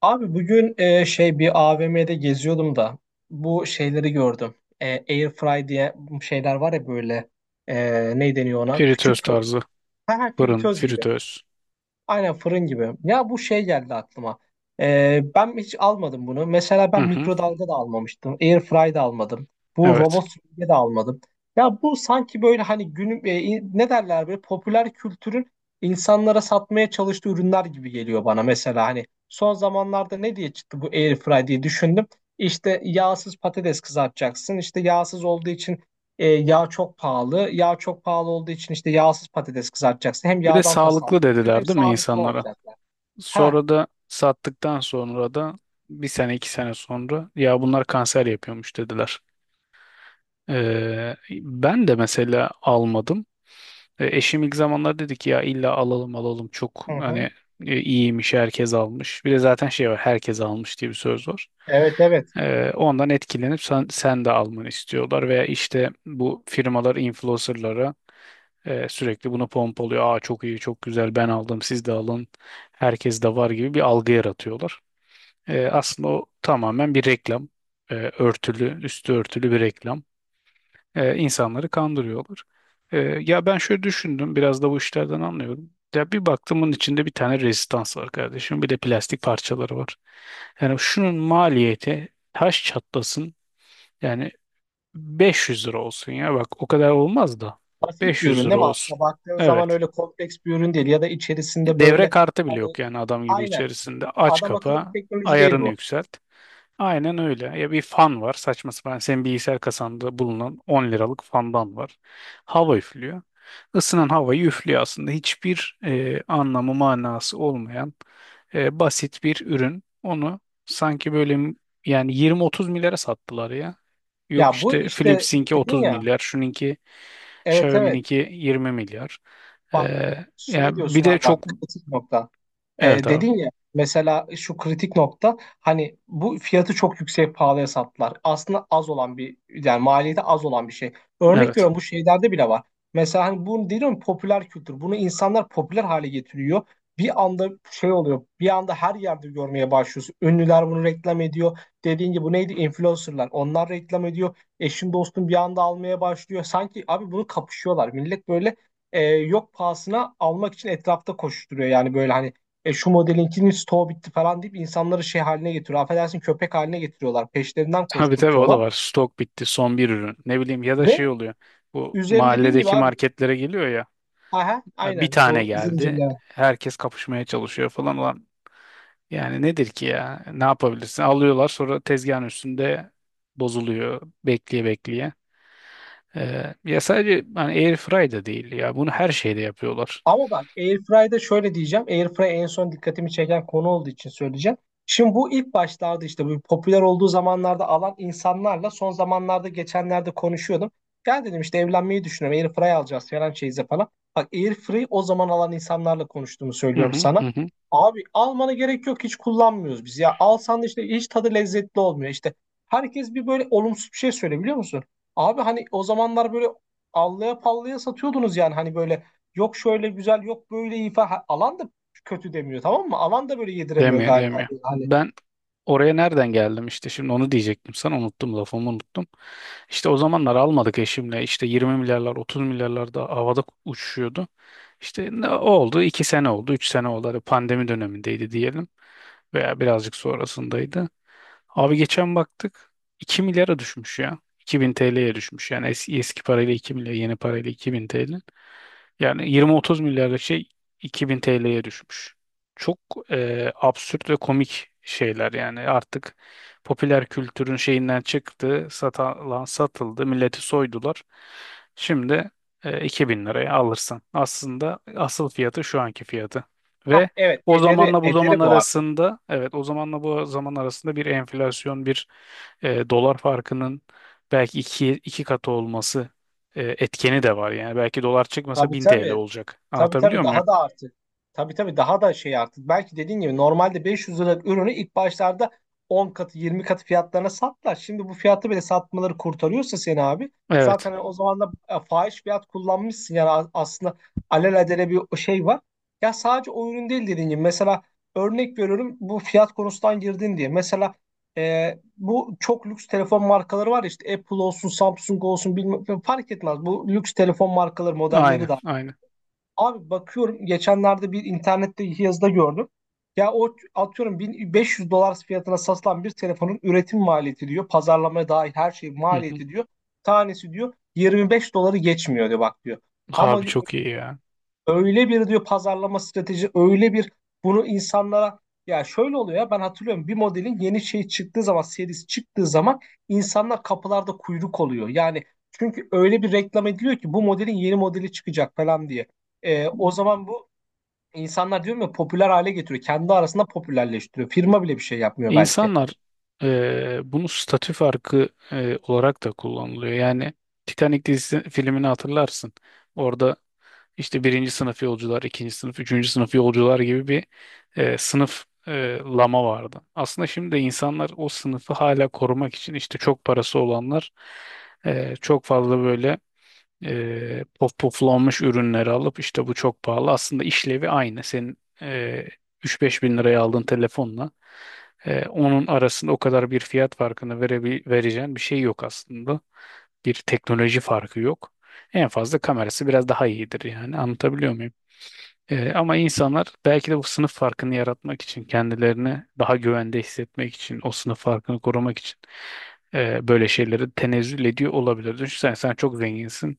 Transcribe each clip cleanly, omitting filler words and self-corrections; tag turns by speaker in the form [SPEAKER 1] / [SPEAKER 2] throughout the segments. [SPEAKER 1] Abi bugün şey bir AVM'de geziyordum da bu şeyleri gördüm. Air fry diye şeyler var ya böyle, ne deniyor ona?
[SPEAKER 2] Fritöz
[SPEAKER 1] Küçük fır
[SPEAKER 2] tarzı.
[SPEAKER 1] ha, ha,
[SPEAKER 2] Fırın,
[SPEAKER 1] fritöz gibi.
[SPEAKER 2] fritöz.
[SPEAKER 1] Aynen fırın gibi. Ya bu şey geldi aklıma. Ben hiç almadım bunu. Mesela
[SPEAKER 2] Hı
[SPEAKER 1] ben
[SPEAKER 2] hı.
[SPEAKER 1] mikrodalga da almamıştım. Airfry da almadım. Bu
[SPEAKER 2] Evet.
[SPEAKER 1] robot süpürge de almadım. Ya bu sanki böyle hani günün ne derler, böyle popüler kültürün insanlara satmaya çalıştığı ürünler gibi geliyor bana. Mesela hani son zamanlarda ne diye çıktı bu Airfry diye düşündüm. İşte yağsız patates kızartacaksın. İşte yağsız olduğu için yağ çok pahalı. Yağ çok pahalı olduğu için işte yağsız patates kızartacaksın. Hem
[SPEAKER 2] Bir de
[SPEAKER 1] yağdan tasarruf
[SPEAKER 2] sağlıklı
[SPEAKER 1] edeceksin, hem
[SPEAKER 2] dediler değil mi
[SPEAKER 1] sağlıklı
[SPEAKER 2] insanlara?
[SPEAKER 1] olacaklar. Ha.
[SPEAKER 2] Sonra da sattıktan sonra da bir sene 2 sene sonra ya bunlar kanser yapıyormuş dediler. Ben de mesela almadım. Eşim ilk zamanlar dedi ki ya illa alalım alalım çok
[SPEAKER 1] Hı hı.
[SPEAKER 2] hani iyiymiş, herkes almış. Bir de zaten şey var herkes almış diye bir söz var.
[SPEAKER 1] Evet, evet.
[SPEAKER 2] Ondan etkilenip sen de almanı istiyorlar veya işte bu firmalar influencerlara sürekli bunu pompalıyor. Aa, çok iyi, çok güzel, ben aldım, siz de alın. Herkes de var gibi bir algı yaratıyorlar. Aslında o tamamen bir reklam. Örtülü, üstü örtülü bir reklam. İnsanları kandırıyorlar. Ya ben şöyle düşündüm, biraz da bu işlerden anlıyorum. Ya bir baktım bunun içinde bir tane rezistans var kardeşim. Bir de plastik parçaları var. Yani şunun maliyeti taş çatlasın, yani 500 lira olsun, ya bak o kadar olmaz da
[SPEAKER 1] Basit bir
[SPEAKER 2] 500
[SPEAKER 1] ürün
[SPEAKER 2] lira
[SPEAKER 1] değil mi?
[SPEAKER 2] olsun.
[SPEAKER 1] Aslında baktığın zaman
[SPEAKER 2] Evet.
[SPEAKER 1] öyle kompleks bir ürün değil. Ya da içerisinde
[SPEAKER 2] Devre
[SPEAKER 1] böyle,
[SPEAKER 2] kartı bile
[SPEAKER 1] hani,
[SPEAKER 2] yok yani adam gibi
[SPEAKER 1] aynen,
[SPEAKER 2] içerisinde. Aç
[SPEAKER 1] adam akıllı
[SPEAKER 2] kapa,
[SPEAKER 1] bir teknoloji değil
[SPEAKER 2] ayarını
[SPEAKER 1] bu.
[SPEAKER 2] yükselt. Aynen öyle. Ya bir fan var saçma sapan. Senin bilgisayar kasanda bulunan 10 liralık fandan var. Hava üflüyor. Isınan havayı üflüyor aslında. Hiçbir anlamı manası olmayan basit bir ürün. Onu sanki böyle yani 20-30 milyara sattılar ya. Yok
[SPEAKER 1] Ya bu
[SPEAKER 2] işte
[SPEAKER 1] işte,
[SPEAKER 2] Philips'inki
[SPEAKER 1] dedin
[SPEAKER 2] 30
[SPEAKER 1] ya,
[SPEAKER 2] milyar, şununki
[SPEAKER 1] evet evet,
[SPEAKER 2] Xiaomi'ninki 20 milyar.
[SPEAKER 1] bak,
[SPEAKER 2] Yani
[SPEAKER 1] şey
[SPEAKER 2] bir
[SPEAKER 1] diyorsun
[SPEAKER 2] de
[SPEAKER 1] abi,
[SPEAKER 2] çok.
[SPEAKER 1] bak, kritik nokta.
[SPEAKER 2] Evet abi.
[SPEAKER 1] Dedin ya mesela şu kritik nokta, hani bu fiyatı çok yüksek, pahalıya sattılar. Aslında az olan bir, yani maliyeti az olan bir şey. Örnek
[SPEAKER 2] Evet.
[SPEAKER 1] veriyorum, bu şeylerde bile var. Mesela hani, bunu diyorum, popüler kültür. Bunu insanlar popüler hale getiriyor. Bir anda şey oluyor. Bir anda her yerde görmeye başlıyorsun. Ünlüler bunu reklam ediyor. Dediğin gibi, bu neydi? Influencerlar. Onlar reklam ediyor. Eşin dostun bir anda almaya başlıyor. Sanki abi bunu kapışıyorlar. Millet böyle yok pahasına almak için etrafta koşturuyor. Yani böyle hani, şu modelinkinin stoğu bitti falan deyip insanları şey haline getiriyor. Affedersin, köpek haline getiriyorlar. Peşlerinden
[SPEAKER 2] Tabii tabii, o da
[SPEAKER 1] koşturtuyorlar.
[SPEAKER 2] var. Stok bitti. Son bir ürün. Ne bileyim, ya da
[SPEAKER 1] Ve
[SPEAKER 2] şey oluyor. Bu
[SPEAKER 1] üzerinde, dediğin gibi
[SPEAKER 2] mahalledeki
[SPEAKER 1] abi,
[SPEAKER 2] marketlere geliyor ya.
[SPEAKER 1] aha
[SPEAKER 2] Bir
[SPEAKER 1] aynen,
[SPEAKER 2] tane
[SPEAKER 1] bu
[SPEAKER 2] geldi.
[SPEAKER 1] zincirler.
[SPEAKER 2] Herkes kapışmaya çalışıyor falan. Ulan yani nedir ki ya? Ne yapabilirsin? Alıyorlar, sonra tezgahın üstünde bozuluyor. Bekleye bekleye. Ya sadece hani air fry da değil ya. Bunu her şeyde yapıyorlar.
[SPEAKER 1] Ama bak, Airfry'da şöyle diyeceğim. Airfry en son dikkatimi çeken konu olduğu için söyleyeceğim. Şimdi bu ilk başlarda, işte bu popüler olduğu zamanlarda alan insanlarla son zamanlarda, geçenlerde konuşuyordum. Gel dedim, işte evlenmeyi düşünüyorum. Airfry alacağız falan şeyize falan. Bak, Airfry o zaman alan insanlarla konuştuğumu
[SPEAKER 2] Hı
[SPEAKER 1] söylüyorum
[SPEAKER 2] hı
[SPEAKER 1] sana.
[SPEAKER 2] hı, hı.
[SPEAKER 1] Abi, almana gerek yok, hiç kullanmıyoruz biz. Ya alsan da işte hiç tadı lezzetli olmuyor. İşte herkes bir böyle olumsuz bir şey söyle, biliyor musun? Abi hani o zamanlar böyle allaya pallaya satıyordunuz yani, hani böyle, yok şöyle güzel, yok böyle iyi falan. Ha, alan da kötü demiyor, tamam mı? Alan da böyle yediremiyor
[SPEAKER 2] Demiyor,
[SPEAKER 1] galiba.
[SPEAKER 2] demiyor.
[SPEAKER 1] Hani,
[SPEAKER 2] Ben oraya nereden geldim işte, şimdi onu diyecektim sana, unuttum, lafımı unuttum. İşte o zamanlar almadık eşimle, işte 20 milyarlar 30 milyarlar da havada uçuşuyordu. İşte ne oldu, 2 sene oldu, 3 sene oldu. Hadi pandemi dönemindeydi diyelim veya birazcık sonrasındaydı. Abi geçen baktık 2 milyara düşmüş ya, 2000 TL'ye düşmüş, yani eski parayla 2 milyar, yeni parayla 2000 TL. Yani 20-30 milyarlık şey 2000 TL'ye düşmüş. Çok absürt ve komik şeyler yani, artık popüler kültürün şeyinden çıktı, satılan satıldı, milleti soydular. Şimdi 2000 liraya alırsın. Aslında asıl fiyatı şu anki fiyatı.
[SPEAKER 1] heh,
[SPEAKER 2] Ve
[SPEAKER 1] evet,
[SPEAKER 2] o
[SPEAKER 1] Eder'i
[SPEAKER 2] zamanla bu zaman
[SPEAKER 1] Eder'i bu artık.
[SPEAKER 2] arasında, evet, o zamanla bu zaman arasında bir enflasyon, bir dolar farkının belki iki katı olması etkeni de var. Yani belki dolar çıkmasa
[SPEAKER 1] Tabii
[SPEAKER 2] 1000 TL
[SPEAKER 1] tabii.
[SPEAKER 2] olacak.
[SPEAKER 1] Tabii
[SPEAKER 2] Anlatabiliyor
[SPEAKER 1] tabii
[SPEAKER 2] muyum?
[SPEAKER 1] daha da artık. Tabii tabii daha da şey artık. Belki dediğin gibi, normalde 500 liralık ürünü ilk başlarda 10 katı, 20 katı fiyatlarına sattılar. Şimdi bu fiyatı bile satmaları kurtarıyorsa seni abi, zaten
[SPEAKER 2] Evet.
[SPEAKER 1] hani o zaman da fahiş fiyat kullanmışsın. Yani aslında alelacele bir şey var. Ya sadece o ürün değil, dediğin gibi. Mesela, örnek veriyorum bu fiyat konusundan girdin diye. Mesela bu çok lüks telefon markaları var ya, işte Apple olsun, Samsung olsun, bilmem, fark etmez. Bu lüks telefon markaları modelleri
[SPEAKER 2] Aynı.
[SPEAKER 1] de,
[SPEAKER 2] Aynı.
[SPEAKER 1] abi bakıyorum, geçenlerde bir internette yazıda gördüm. Ya o, atıyorum, 1500 dolar fiyatına satılan bir telefonun üretim maliyeti diyor, pazarlamaya dahil her şey
[SPEAKER 2] Hı hı.
[SPEAKER 1] maliyeti diyor, tanesi diyor 25 doları geçmiyor diyor, bak diyor. Ama,
[SPEAKER 2] Abi çok iyi ya.
[SPEAKER 1] öyle bir diyor pazarlama strateji, öyle bir bunu insanlara, ya şöyle oluyor ya, ben hatırlıyorum bir modelin yeni şey çıktığı zaman, serisi çıktığı zaman insanlar kapılarda kuyruk oluyor. Yani çünkü öyle bir reklam ediliyor ki, bu modelin yeni modeli çıkacak falan diye. O zaman bu insanlar, diyorum ya, popüler hale getiriyor. Kendi arasında popülerleştiriyor. Firma bile bir şey yapmıyor belki.
[SPEAKER 2] İnsanlar bunu statü farkı olarak da kullanılıyor. Yani Titanic dizisi filmini hatırlarsın. Orada, İşte birinci sınıf yolcular, ikinci sınıf, üçüncü sınıf yolcular gibi bir sınıf lama vardı. Aslında şimdi de insanlar o sınıfı hala korumak için, işte çok parası olanlar çok fazla böyle puf puflanmış ürünleri alıp, işte bu çok pahalı. Aslında işlevi aynı. Senin 3-5 bin liraya aldığın telefonla onun arasında o kadar bir fiyat farkını vereceğin bir şey yok aslında, bir teknoloji farkı yok. En fazla kamerası biraz daha iyidir yani, anlatabiliyor muyum? Ama insanlar belki de bu sınıf farkını yaratmak için, kendilerini daha güvende hissetmek için, o sınıf farkını korumak için böyle şeyleri tenezzül ediyor olabilir. Düşünsene, sen çok zenginsin,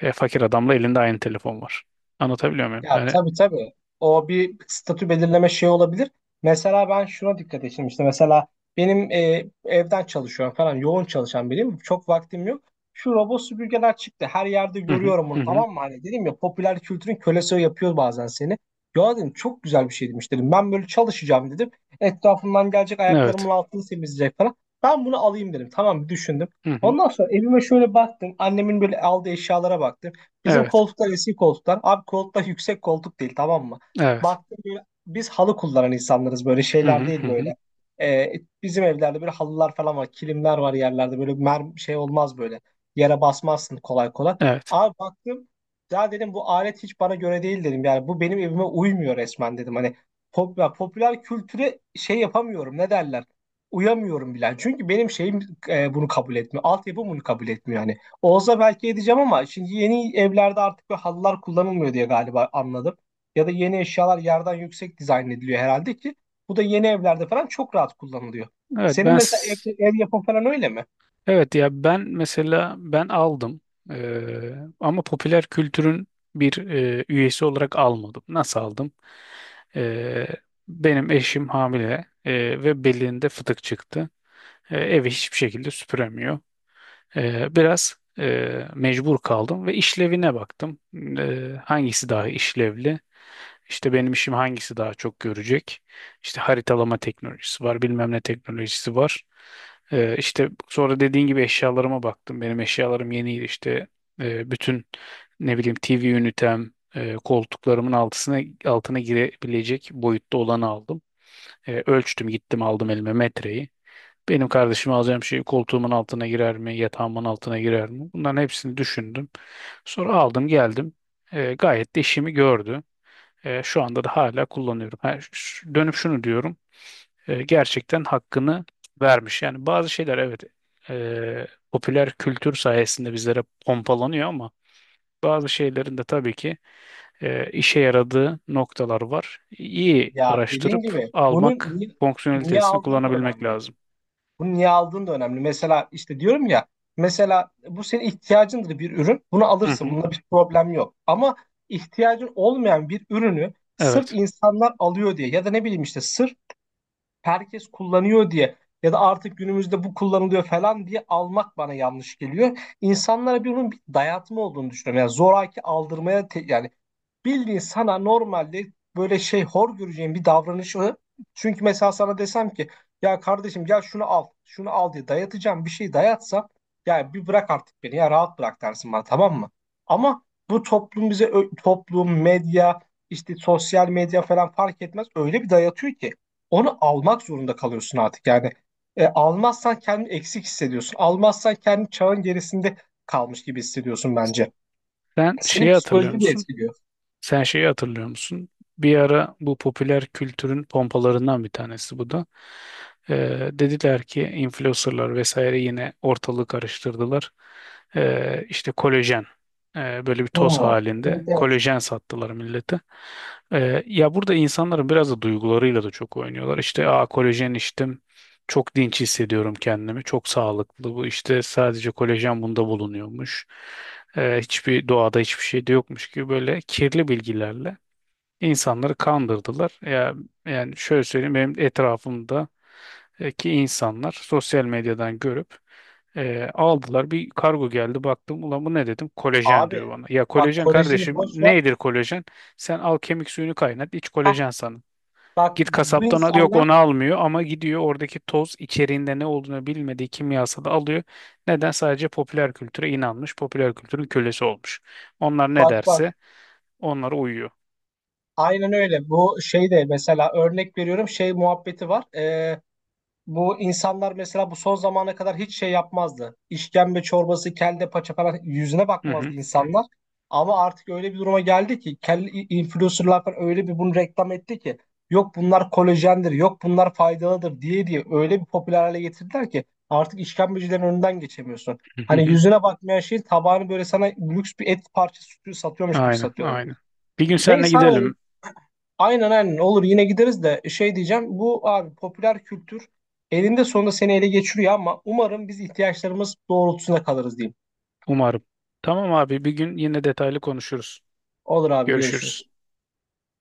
[SPEAKER 2] fakir adamla elinde aynı telefon var. Anlatabiliyor muyum?
[SPEAKER 1] Ya
[SPEAKER 2] Yani.
[SPEAKER 1] tabii tabii. O bir statü belirleme şey olabilir. Mesela ben şuna dikkat ettim işte. Mesela benim evden çalışıyorum falan. Yoğun çalışan biriyim. Çok vaktim yok. Şu robot süpürgeler çıktı. Her yerde
[SPEAKER 2] Hı hı
[SPEAKER 1] görüyorum
[SPEAKER 2] hı
[SPEAKER 1] bunu,
[SPEAKER 2] hı.
[SPEAKER 1] tamam mı? Hani dedim ya, popüler kültürün kölesi yapıyor bazen seni. Ya dedim, çok güzel bir şeymiş dedim. Ben böyle çalışacağım dedim. Etrafımdan gelecek,
[SPEAKER 2] Evet.
[SPEAKER 1] ayaklarımın altını temizleyecek falan. Ben bunu alayım dedim. Tamam, bir düşündüm.
[SPEAKER 2] Hı hı.
[SPEAKER 1] Ondan sonra evime şöyle baktım. Annemin böyle aldığı eşyalara baktım. Bizim
[SPEAKER 2] Evet.
[SPEAKER 1] koltuklar eski koltuklar. Abi, koltuklar yüksek koltuk değil, tamam mı?
[SPEAKER 2] Evet.
[SPEAKER 1] Baktım böyle biz halı kullanan insanlarız, böyle
[SPEAKER 2] Hı hı
[SPEAKER 1] şeyler
[SPEAKER 2] hı
[SPEAKER 1] değil
[SPEAKER 2] hı.
[SPEAKER 1] böyle. Ee, Bizim evlerde böyle halılar falan var. Kilimler var yerlerde böyle, şey olmaz böyle. Yere basmazsın kolay kolay.
[SPEAKER 2] Evet.
[SPEAKER 1] Abi baktım, ya dedim bu alet hiç bana göre değil dedim. Yani bu benim evime uymuyor resmen dedim. Hani ya popüler kültüre şey yapamıyorum, ne derler. Uyamıyorum bile. Çünkü benim şeyim bunu kabul etmiyor. Altyapım bunu kabul etmiyor yani. Olsa belki edeceğim ama şimdi yeni evlerde artık böyle halılar kullanılmıyor diye galiba anladım. Ya da yeni eşyalar yerden yüksek dizayn ediliyor herhalde ki bu da yeni evlerde falan çok rahat kullanılıyor.
[SPEAKER 2] Evet,
[SPEAKER 1] Senin mesela ev, ev yapın falan öyle mi?
[SPEAKER 2] Evet, ya ben mesela, ben aldım. Ee, ama popüler kültürün bir üyesi olarak almadım. Nasıl aldım? Ee, benim eşim hamile, ve belinde fıtık çıktı. Evi hiçbir şekilde süpüremiyor. Biraz mecbur kaldım ve işlevine baktım. Hangisi daha işlevli? İşte benim işim hangisi daha çok görecek? İşte haritalama teknolojisi var, bilmem ne teknolojisi var. İşte sonra dediğin gibi eşyalarıma baktım. Benim eşyalarım yeniydi işte. Bütün ne bileyim TV ünitem, koltuklarımın altına girebilecek boyutta olanı aldım. Ölçtüm, gittim, aldım elime metreyi. Benim kardeşime alacağım şey koltuğumun altına girer mi, yatağımın altına girer mi? Bunların hepsini düşündüm. Sonra aldım geldim. Gayet de işimi gördü. Şu anda da hala kullanıyorum. Dönüp şunu diyorum. Gerçekten hakkını vermiş. Yani bazı şeyler evet, e, popüler kültür sayesinde bizlere pompalanıyor, ama bazı şeylerin de tabii ki işe yaradığı noktalar var. İyi
[SPEAKER 1] Ya dediğin
[SPEAKER 2] araştırıp
[SPEAKER 1] gibi, bunu
[SPEAKER 2] almak,
[SPEAKER 1] niye
[SPEAKER 2] fonksiyonelitesini
[SPEAKER 1] aldığın da
[SPEAKER 2] kullanabilmek
[SPEAKER 1] önemli.
[SPEAKER 2] lazım.
[SPEAKER 1] Bunu niye aldığın da önemli. Mesela işte, diyorum ya, mesela bu senin ihtiyacındır bir ürün. Bunu
[SPEAKER 2] Hı
[SPEAKER 1] alırsın.
[SPEAKER 2] hı.
[SPEAKER 1] Bunda bir problem yok. Ama ihtiyacın olmayan bir ürünü sırf
[SPEAKER 2] Evet.
[SPEAKER 1] insanlar alıyor diye ya da ne bileyim işte sırf herkes kullanıyor diye ya da artık günümüzde bu kullanılıyor falan diye almak bana yanlış geliyor. İnsanlara bir, bunun bir dayatma olduğunu düşünüyorum. Yani zoraki aldırmaya yani, bildiğin sana normalde böyle şey hor göreceğin bir davranışı, çünkü mesela sana desem ki, ya kardeşim gel şunu al, şunu al diye dayatacağım bir şey dayatsam, ya bir bırak artık beni ya, rahat bırak dersin bana, tamam mı? Ama bu toplum bize, toplum, medya, işte sosyal medya falan, fark etmez, öyle bir dayatıyor ki onu almak zorunda kalıyorsun artık yani. Almazsan kendini eksik hissediyorsun, almazsan kendini çağın gerisinde kalmış gibi hissediyorsun bence.
[SPEAKER 2] Sen
[SPEAKER 1] Senin
[SPEAKER 2] şeyi hatırlıyor
[SPEAKER 1] psikolojini de
[SPEAKER 2] musun?
[SPEAKER 1] etkiliyor.
[SPEAKER 2] Sen şeyi hatırlıyor musun? Bir ara bu popüler kültürün pompalarından bir tanesi bu da. Dediler ki influencerlar vesaire yine ortalığı karıştırdılar. İşte kolajen, böyle bir toz
[SPEAKER 1] Oo,
[SPEAKER 2] halinde
[SPEAKER 1] evet evet.
[SPEAKER 2] kolajen sattılar millete. Ya burada insanların biraz da duygularıyla da çok oynuyorlar. İşte kolajen içtim. Çok dinç hissediyorum kendimi. Çok sağlıklı bu. İşte sadece kolajen bunda bulunuyormuş. Hiçbir doğada hiçbir şey de yokmuş gibi, böyle kirli bilgilerle insanları kandırdılar. Ya, yani şöyle söyleyeyim, benim etrafımda ki insanlar sosyal medyadan görüp aldılar, bir kargo geldi, baktım ulan bu ne dedim, kolajen
[SPEAKER 1] Abi
[SPEAKER 2] diyor bana. Ya
[SPEAKER 1] bak,
[SPEAKER 2] kolajen,
[SPEAKER 1] Kore'cini
[SPEAKER 2] kardeşim,
[SPEAKER 1] boş ver.
[SPEAKER 2] nedir kolajen? Sen al kemik suyunu kaynat, iç,
[SPEAKER 1] Heh,
[SPEAKER 2] kolajen sana.
[SPEAKER 1] bak
[SPEAKER 2] Git
[SPEAKER 1] bu
[SPEAKER 2] kasaptan al. Yok,
[SPEAKER 1] insanlar,
[SPEAKER 2] onu almıyor ama gidiyor, oradaki toz içeriğinde ne olduğunu bilmediği kimyasalı alıyor. Neden? Sadece popüler kültüre inanmış. Popüler kültürün kölesi olmuş. Onlar ne
[SPEAKER 1] bak bak,
[SPEAKER 2] derse onlara uyuyor.
[SPEAKER 1] aynen öyle. Bu şey de mesela, örnek veriyorum, şey muhabbeti var. Bu insanlar mesela bu son zamana kadar hiç şey yapmazdı. İşkembe çorbası, kelle paça falan yüzüne
[SPEAKER 2] Hı
[SPEAKER 1] bakmazdı,
[SPEAKER 2] hı.
[SPEAKER 1] evet, insanlar. Ama artık öyle bir duruma geldi ki, kelle influencerlar falan öyle bir bunu reklam etti ki, yok bunlar kolajendir, yok bunlar faydalıdır diye diye öyle bir popüler hale getirdiler ki artık işkembecilerin önünden geçemiyorsun. Hani yüzüne bakmayan şey tabağını böyle sana lüks bir et parçası satıyormuş gibi
[SPEAKER 2] Aynen,
[SPEAKER 1] satıyorlar.
[SPEAKER 2] aynen. Bir gün seninle
[SPEAKER 1] Neyse abi,
[SPEAKER 2] gidelim
[SPEAKER 1] aynen aynen, olur, yine gideriz de, şey diyeceğim, bu abi popüler kültür elinde sonunda seni ele geçiriyor ama umarım biz ihtiyaçlarımız doğrultusunda kalırız diyeyim.
[SPEAKER 2] umarım. Tamam abi, bir gün yine detaylı konuşuruz.
[SPEAKER 1] Olur abi,
[SPEAKER 2] Görüşürüz.
[SPEAKER 1] görüşürüz.